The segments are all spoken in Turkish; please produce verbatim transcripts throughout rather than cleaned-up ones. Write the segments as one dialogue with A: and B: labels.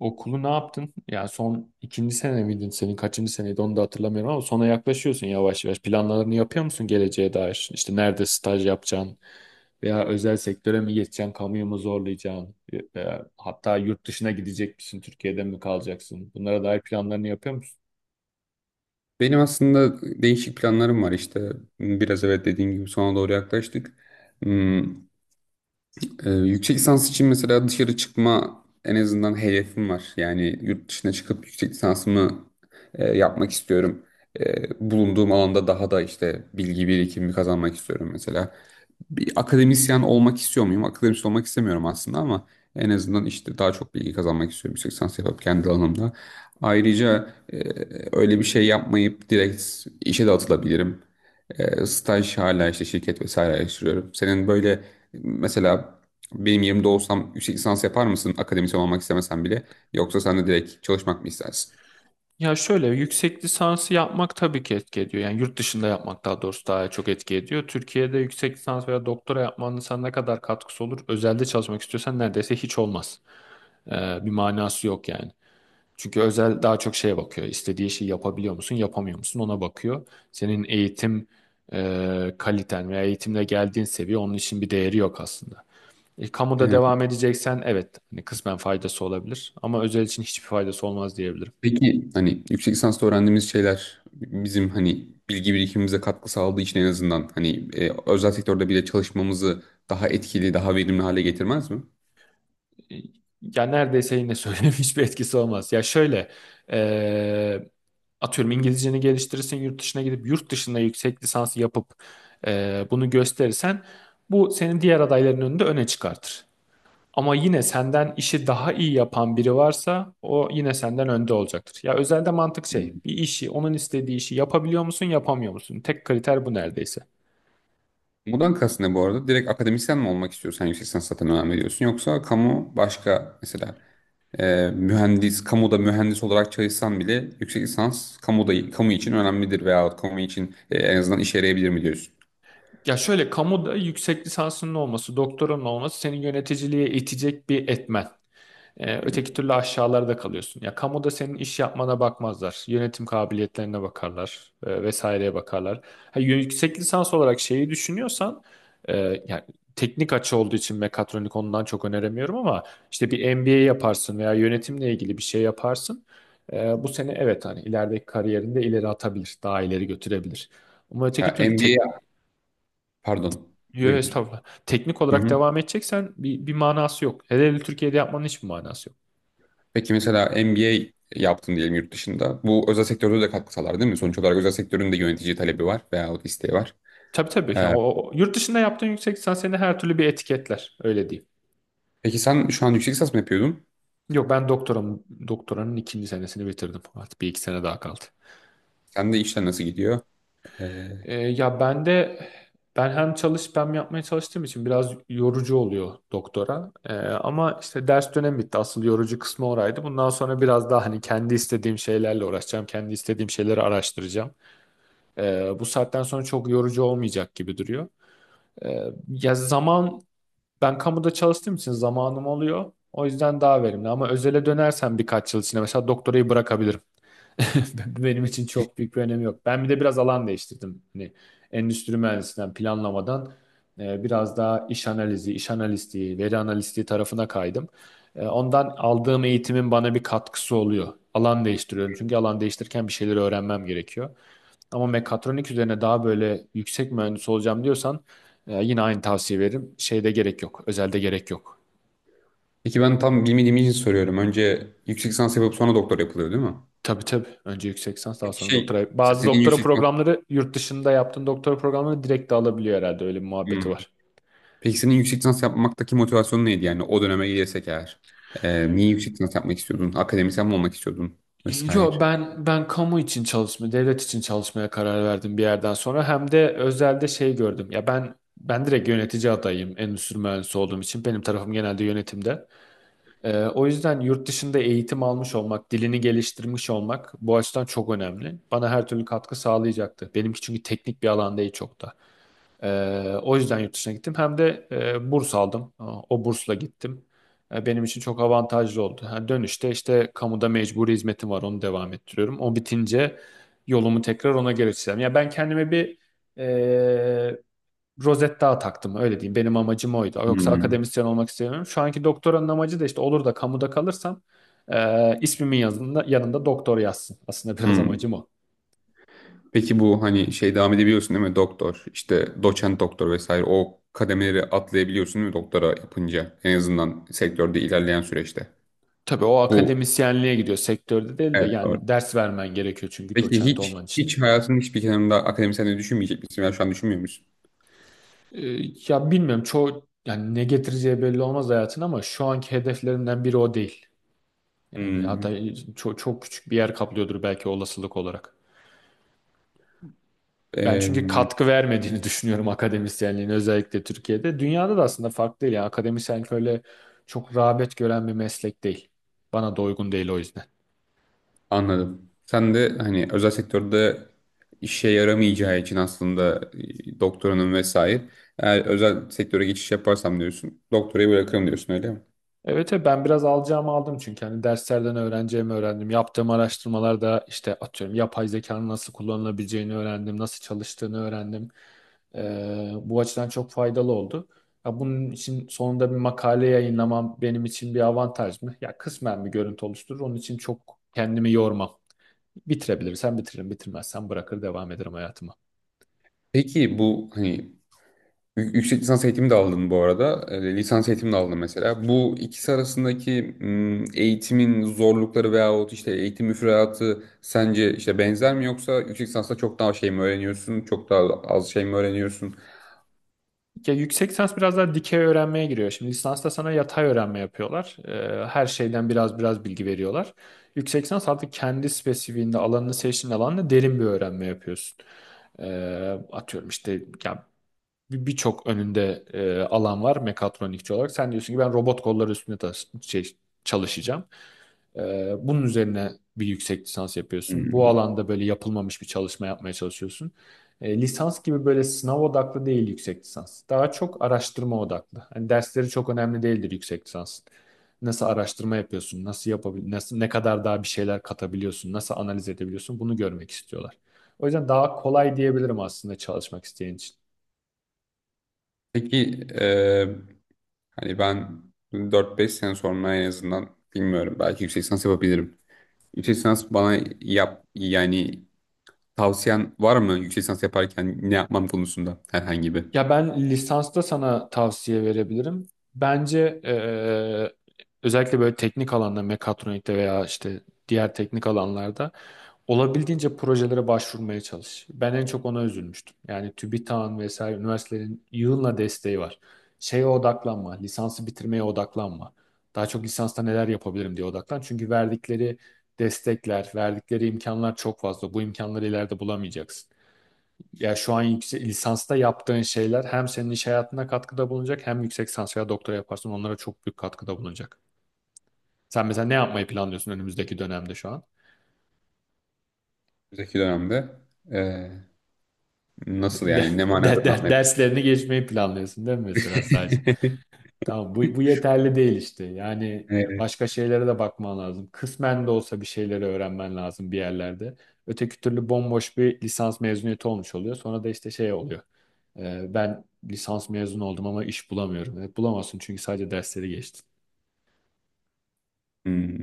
A: Okulu ne yaptın? Yani son ikinci sene miydin senin? Kaçıncı seneydi onu da hatırlamıyorum ama sona yaklaşıyorsun yavaş yavaş. Planlarını yapıyor musun geleceğe dair? İşte nerede staj yapacaksın veya özel sektöre mi geçeceksin, kamuyu mu zorlayacaksın? Veya hatta yurt dışına gidecek misin, Türkiye'de mi kalacaksın? Bunlara dair planlarını yapıyor musun?
B: Benim aslında değişik planlarım var işte. Biraz evet dediğim gibi sona doğru yaklaştık. Hmm, e, yüksek lisans için mesela dışarı çıkma en azından hedefim var. Yani yurt dışına çıkıp yüksek lisansımı e, yapmak istiyorum. E, bulunduğum alanda daha da işte bilgi birikimi kazanmak istiyorum mesela. Bir akademisyen olmak istiyor muyum? Akademisyen olmak istemiyorum aslında ama en azından işte daha çok bilgi kazanmak istiyorum yüksek lisans yapıp kendi alanımda. Ayrıca e, öyle bir şey yapmayıp direkt işe de atılabilirim. E, staj hala işte şirket vesaire araştırıyorum. Senin böyle mesela benim yerimde olsam yüksek lisans yapar mısın akademisyen olmak istemesen bile yoksa sen de direkt çalışmak mı istersin?
A: Ya şöyle yüksek lisansı yapmak tabii ki etki ediyor. Yani yurt dışında yapmak daha doğrusu daha çok etki ediyor. Türkiye'de yüksek lisans veya doktora yapmanın sana ne kadar katkısı olur? Özelde çalışmak istiyorsan neredeyse hiç olmaz. Ee, bir manası yok yani. Çünkü özel daha çok şeye bakıyor. İstediği şeyi yapabiliyor musun, yapamıyor musun ona bakıyor. Senin eğitim e, kaliten veya eğitimle geldiğin seviye onun için bir değeri yok aslında. E, kamuda devam edeceksen evet hani kısmen faydası olabilir ama özel için hiçbir faydası olmaz diyebilirim.
B: Peki hani yüksek lisansta öğrendiğimiz şeyler bizim hani bilgi birikimimize katkı sağladığı için en azından hani e, özel sektörde bile çalışmamızı daha etkili, daha verimli hale getirmez mi?
A: Ya neredeyse yine söyleyeyim hiçbir etkisi olmaz. Ya şöyle e, atıyorum İngilizceni geliştirirsin yurt dışına gidip yurt dışında yüksek lisans yapıp e, bunu gösterirsen bu senin diğer adayların önünde öne çıkartır. Ama yine senden işi daha iyi yapan biri varsa o yine senden önde olacaktır. Ya özelde mantık şey
B: Hı.
A: bir işi onun istediği işi yapabiliyor musun yapamıyor musun? Tek kriter bu neredeyse.
B: Bundan kastın ne bu arada? Direkt akademisyen mi olmak istiyorsun? Sen yüksek lisans zaten önem veriyorsun. Yoksa kamu başka mesela e, mühendis, kamuda mühendis olarak çalışsan bile yüksek lisans kamuda, kamu için önemlidir veya kamu için e, en azından işe yarayabilir mi diyorsun?
A: Ya şöyle kamuda yüksek lisansının olması, doktoranın olması seni yöneticiliğe itecek bir etmen. Ee,
B: Hı.
A: öteki türlü aşağılarda kalıyorsun. Ya kamuda senin iş yapmana bakmazlar. Yönetim kabiliyetlerine bakarlar. E, vesaireye bakarlar. Ha, yüksek lisans olarak şeyi düşünüyorsan e, yani teknik açı olduğu için mekatronik ondan çok öneremiyorum ama işte bir M B A yaparsın veya yönetimle ilgili bir şey yaparsın. E, bu seni evet hani ilerideki kariyerinde ileri atabilir. Daha ileri götürebilir. Ama öteki
B: Mesela
A: türlü tek,
B: M B A, pardon.
A: yo,
B: Buyur.
A: estağfurullah. Teknik
B: Hı
A: olarak
B: hı.
A: devam edeceksen bir, bir manası yok. Hele hele Türkiye'de yapmanın hiçbir manası yok.
B: Peki mesela M B A yaptın diyelim yurt dışında. Bu özel sektörde de katkı sağlar değil mi? Sonuç olarak özel sektörün de yönetici talebi var veyahut isteği var.
A: Tabii tabii.
B: Ee,
A: Yani o, o- yurt dışında yaptığın yüksek lisans seni her türlü bir etiketler. Öyle diyeyim.
B: peki sen şu an yüksek lisans mı yapıyordun?
A: Yok ben doktoram, doktoranın ikinci senesini bitirdim. Artık bir iki sene daha kaldı.
B: Sen de işler nasıl gidiyor? Ee,
A: Ee, ya ben de Ben hem çalış hem yapmaya çalıştığım için biraz yorucu oluyor doktora. Ee, ama işte ders dönemi bitti. Asıl yorucu kısmı oraydı. Bundan sonra biraz daha hani kendi istediğim şeylerle uğraşacağım. Kendi istediğim şeyleri araştıracağım. Ee, bu saatten sonra çok yorucu olmayacak gibi duruyor. Ee, ya zaman Ben kamuda çalıştığım için zamanım oluyor. O yüzden daha verimli. Ama özele dönersem birkaç yıl içinde mesela doktorayı bırakabilirim. Benim için çok büyük bir önemi yok. Ben bir de biraz alan değiştirdim. Hani endüstri mühendisinden planlamadan e, biraz daha iş analizi, iş analisti, veri analisti tarafına kaydım. E, ondan aldığım eğitimin bana bir katkısı oluyor. Alan değiştiriyorum. Çünkü alan değiştirirken bir şeyleri öğrenmem gerekiyor. Ama mekatronik üzerine daha böyle yüksek mühendis olacağım diyorsan e, yine aynı tavsiye veririm. Şeyde gerek yok. Özelde gerek yok.
B: peki ben tam bilmediğim için soruyorum. Önce yüksek lisans yapıp sonra doktor yapılıyor değil mi?
A: Tabii tabii. Önce yüksek lisans daha
B: Peki
A: sonra
B: şey
A: doktora.
B: mesela
A: Bazı
B: senin
A: doktora
B: yüksek lisans,
A: programları yurt dışında yaptığın doktora programını direkt de alabiliyor herhalde. Öyle bir muhabbeti
B: Hmm.
A: var.
B: Peki senin yüksek lisans yapmaktaki motivasyonun neydi yani o döneme gidersek eğer? Ee, niye yüksek lisans yapmak istiyordun? Akademisyen mi olmak istiyordun? Vesaire.
A: Yo ben ben kamu için çalışma, devlet için çalışmaya karar verdim bir yerden sonra. Hem de özelde şey gördüm. Ya ben ben direkt yönetici adayım endüstri mühendisi olduğum için. Benim tarafım genelde yönetimde. Ee, o yüzden yurt dışında eğitim almış olmak, dilini geliştirmiş olmak bu açıdan çok önemli. Bana her türlü katkı sağlayacaktı. Benimki çünkü teknik bir alan değil çok da. Ee, o yüzden yurt dışına gittim. Hem de e, burs aldım. O bursla gittim. E, benim için çok avantajlı oldu. Ha, dönüşte işte kamuda mecburi hizmetim var. Onu devam ettiriyorum. O bitince yolumu tekrar ona geliştireceğim. Ya ben kendime bir e, rozet daha taktım öyle diyeyim. Benim amacım oydu. Yoksa
B: Hmm.
A: akademisyen olmak istemiyorum. Şu anki doktoranın amacı da işte olur da kamuda kalırsam e, ismimin yanında, yanında doktor yazsın. Aslında biraz
B: Hmm.
A: amacım o.
B: Peki bu hani şey devam edebiliyorsun değil mi? Doktor, işte doçent doktor vesaire o kademeleri atlayabiliyorsun değil mi doktora yapınca? En azından sektörde ilerleyen süreçte.
A: Tabii o
B: Bu
A: akademisyenliğe gidiyor sektörde değil de
B: evet doğru.
A: yani ders vermen gerekiyor çünkü
B: Peki
A: doçent
B: hiç
A: olman için.
B: hiç hayatının hiçbir kenarında akademisyenliği düşünmeyecek misin? Yani şu an düşünmüyor musun?
A: E, Ya bilmiyorum çoğu yani ne getireceği belli olmaz hayatın ama şu anki hedeflerimden biri o değil. Yani hatta
B: Hmm,
A: çok, çok küçük bir yer kaplıyordur belki olasılık olarak. Ben çünkü
B: em,
A: katkı vermediğini düşünüyorum akademisyenliğin özellikle Türkiye'de. Dünyada da aslında farklı değil. Yani akademisyenlik öyle çok rağbet gören bir meslek değil. Bana da uygun değil o yüzden.
B: anladım. Sen de hani özel sektörde işe yaramayacağı için aslında e, doktoranın vesaire. Eğer özel sektöre geçiş yaparsam diyorsun, doktorayı bırakırım diyorsun öyle mi?
A: Evet evet, ben biraz alacağımı aldım çünkü hani derslerden öğreneceğimi öğrendim. Yaptığım araştırmalarda işte atıyorum yapay zekanın nasıl kullanılabileceğini öğrendim, nasıl çalıştığını öğrendim. Ee, bu açıdan çok faydalı oldu. Ya bunun için sonunda bir makale yayınlamam benim için bir avantaj mı? Ya kısmen bir görüntü oluşturur. Onun için çok kendimi yormam. Bitirebilirsem bitiririm, bitirmezsem bırakır devam ederim hayatıma.
B: Peki bu hani Yü- Yüksek lisans eğitimi de aldın bu arada. E,
A: Hı
B: lisans
A: hı.
B: eğitimi de aldın mesela. Bu ikisi arasındaki m, eğitimin zorlukları veyahut işte eğitim müfredatı sence işte benzer mi yoksa yüksek lisansta çok daha şey mi öğreniyorsun? Çok daha az şey mi öğreniyorsun?
A: Ya yüksek lisans biraz daha dikey öğrenmeye giriyor. Şimdi lisansta sana yatay öğrenme yapıyorlar. Ee, her şeyden biraz biraz bilgi veriyorlar. Yüksek lisans artık kendi spesifiğinde alanını seçtiğin alanla derin bir öğrenme yapıyorsun. Ee, atıyorum işte ya bir- Birçok önünde e, alan var mekatronikçi olarak. Sen diyorsun ki ben robot kolları üstünde tas- şey, çalışacağım. Ee, bunun üzerine bir yüksek lisans yapıyorsun. Bu
B: Hmm.
A: alanda böyle yapılmamış bir çalışma yapmaya çalışıyorsun. Ee, lisans gibi böyle sınav odaklı değil yüksek lisans. Daha çok araştırma odaklı. Hani dersleri çok önemli değildir yüksek lisans. Nasıl araştırma yapıyorsun? Nasıl yapabil nasıl ne kadar daha bir şeyler katabiliyorsun? Nasıl analiz edebiliyorsun? Bunu görmek istiyorlar. O yüzden daha kolay diyebilirim aslında çalışmak isteyen için.
B: Peki e, hani ben dört beş sene sonra en azından bilmiyorum belki yüksek lisans yapabilirim. Yüksek lisans bana yap yani tavsiyen var mı yüksek lisans yaparken ne yapmam konusunda herhangi bir?
A: Ya ben lisansta sana tavsiye verebilirim. Bence eee, özellikle böyle teknik alanda mekatronikte veya işte diğer teknik alanlarda olabildiğince projelere başvurmaya çalış. Ben en çok ona üzülmüştüm. Yani TÜBİTAK'ın vesaire üniversitelerin yığınla desteği var. Şeye odaklanma, lisansı bitirmeye odaklanma. Daha çok lisansta neler yapabilirim diye odaklan. Çünkü verdikleri destekler, verdikleri imkanlar çok fazla. Bu imkanları ileride bulamayacaksın. Ya şu an yüksek, lisansta yaptığın şeyler hem senin iş hayatına katkıda bulunacak hem yüksek lisans veya doktora yaparsın onlara çok büyük katkıda bulunacak. Sen mesela ne yapmayı planlıyorsun önümüzdeki dönemde şu an?
B: Önümüzdeki dönemde e, nasıl
A: De,
B: yani ne manada
A: de-
B: ne
A: de-
B: yapmayı planlıyorsun?
A: Derslerini geçmeyi planlıyorsun değil mi mesela sadece? Tamam, bu, bu yeterli değil işte. Yani
B: Evet.
A: başka şeylere de bakman lazım. Kısmen de olsa bir şeyleri öğrenmen lazım bir yerlerde. Öteki türlü bomboş bir lisans mezuniyeti olmuş oluyor. Sonra da işte şey oluyor. Ee, ben lisans mezunu oldum ama iş bulamıyorum. Evet, bulamazsın çünkü sadece dersleri geçtin.
B: Hmm,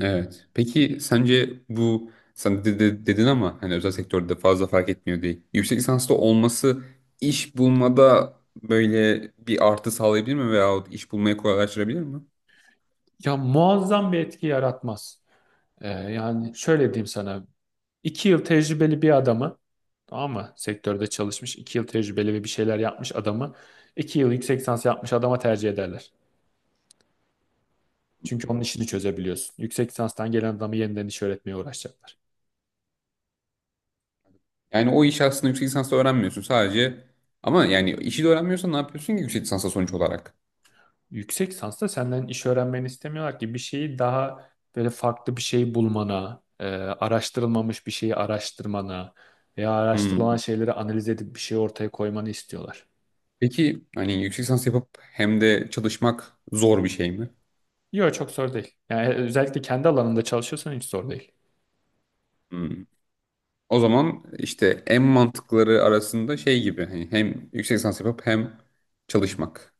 B: evet. Peki sence bu sen de, de- dedin ama hani özel sektörde fazla fark etmiyor değil. Yüksek lisanslı olması iş bulmada böyle bir artı sağlayabilir mi veyahut iş bulmayı kolaylaştırabilir mi?
A: Ya muazzam bir etki yaratmaz. Ee, yani şöyle diyeyim sana. İki yıl tecrübeli bir adamı tamam mı? Sektörde çalışmış, iki yıl tecrübeli ve bir şeyler yapmış adamı, iki yıl yüksek lisans yapmış adama tercih ederler. Çünkü onun işini çözebiliyorsun. Yüksek lisanstan gelen adamı yeniden iş öğretmeye uğraşacaklar.
B: Yani o işi aslında yüksek lisansla öğrenmiyorsun sadece ama yani işi de öğrenmiyorsan ne yapıyorsun ki yüksek lisansa sonuç olarak?
A: Yüksek lisansta senden iş öğrenmeni istemiyorlar ki bir şeyi daha böyle farklı bir şey bulmana, e, araştırılmamış bir şeyi araştırmana veya araştırılan
B: Hmm.
A: şeyleri analiz edip bir şey ortaya koymanı istiyorlar.
B: Peki hani yüksek lisans yapıp hem de çalışmak zor bir şey mi?
A: Yok çok zor değil. Yani e, özellikle kendi alanında çalışıyorsan hiç zor değil.
B: Hmm. O zaman işte en mantıkları arasında şey gibi hani hem yüksek lisans yapıp hem çalışmak.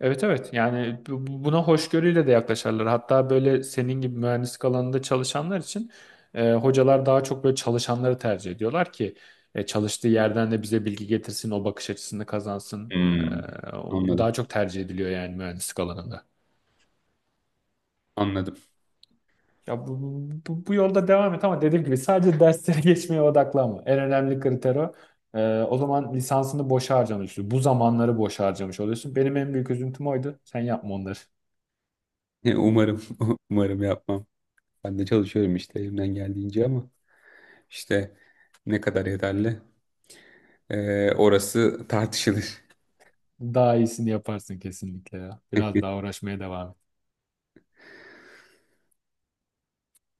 A: Evet evet yani bu- bu- buna hoşgörüyle de yaklaşarlar. Hatta böyle senin gibi mühendislik alanında çalışanlar için e, hocalar daha çok böyle çalışanları tercih ediyorlar ki e, çalıştığı yerden de bize bilgi getirsin, o bakış açısını kazansın.
B: Hmm.
A: E, o daha
B: Anladım.
A: çok tercih ediliyor yani mühendislik alanında.
B: Anladım.
A: Ya bu, bu, bu- yolda devam et ama dediğim gibi sadece derslere geçmeye odaklanma. En önemli kriter o. E, o zaman lisansını boşa harcamış, bu zamanları boşa harcamış oluyorsun. Benim en büyük üzüntüm oydu. Sen yapma onları.
B: Umarım umarım yapmam. Ben de çalışıyorum işte elimden geldiğince ama işte ne kadar yeterli ee, orası tartışılır.
A: Daha iyisini yaparsın kesinlikle ya. Biraz daha uğraşmaya devam et.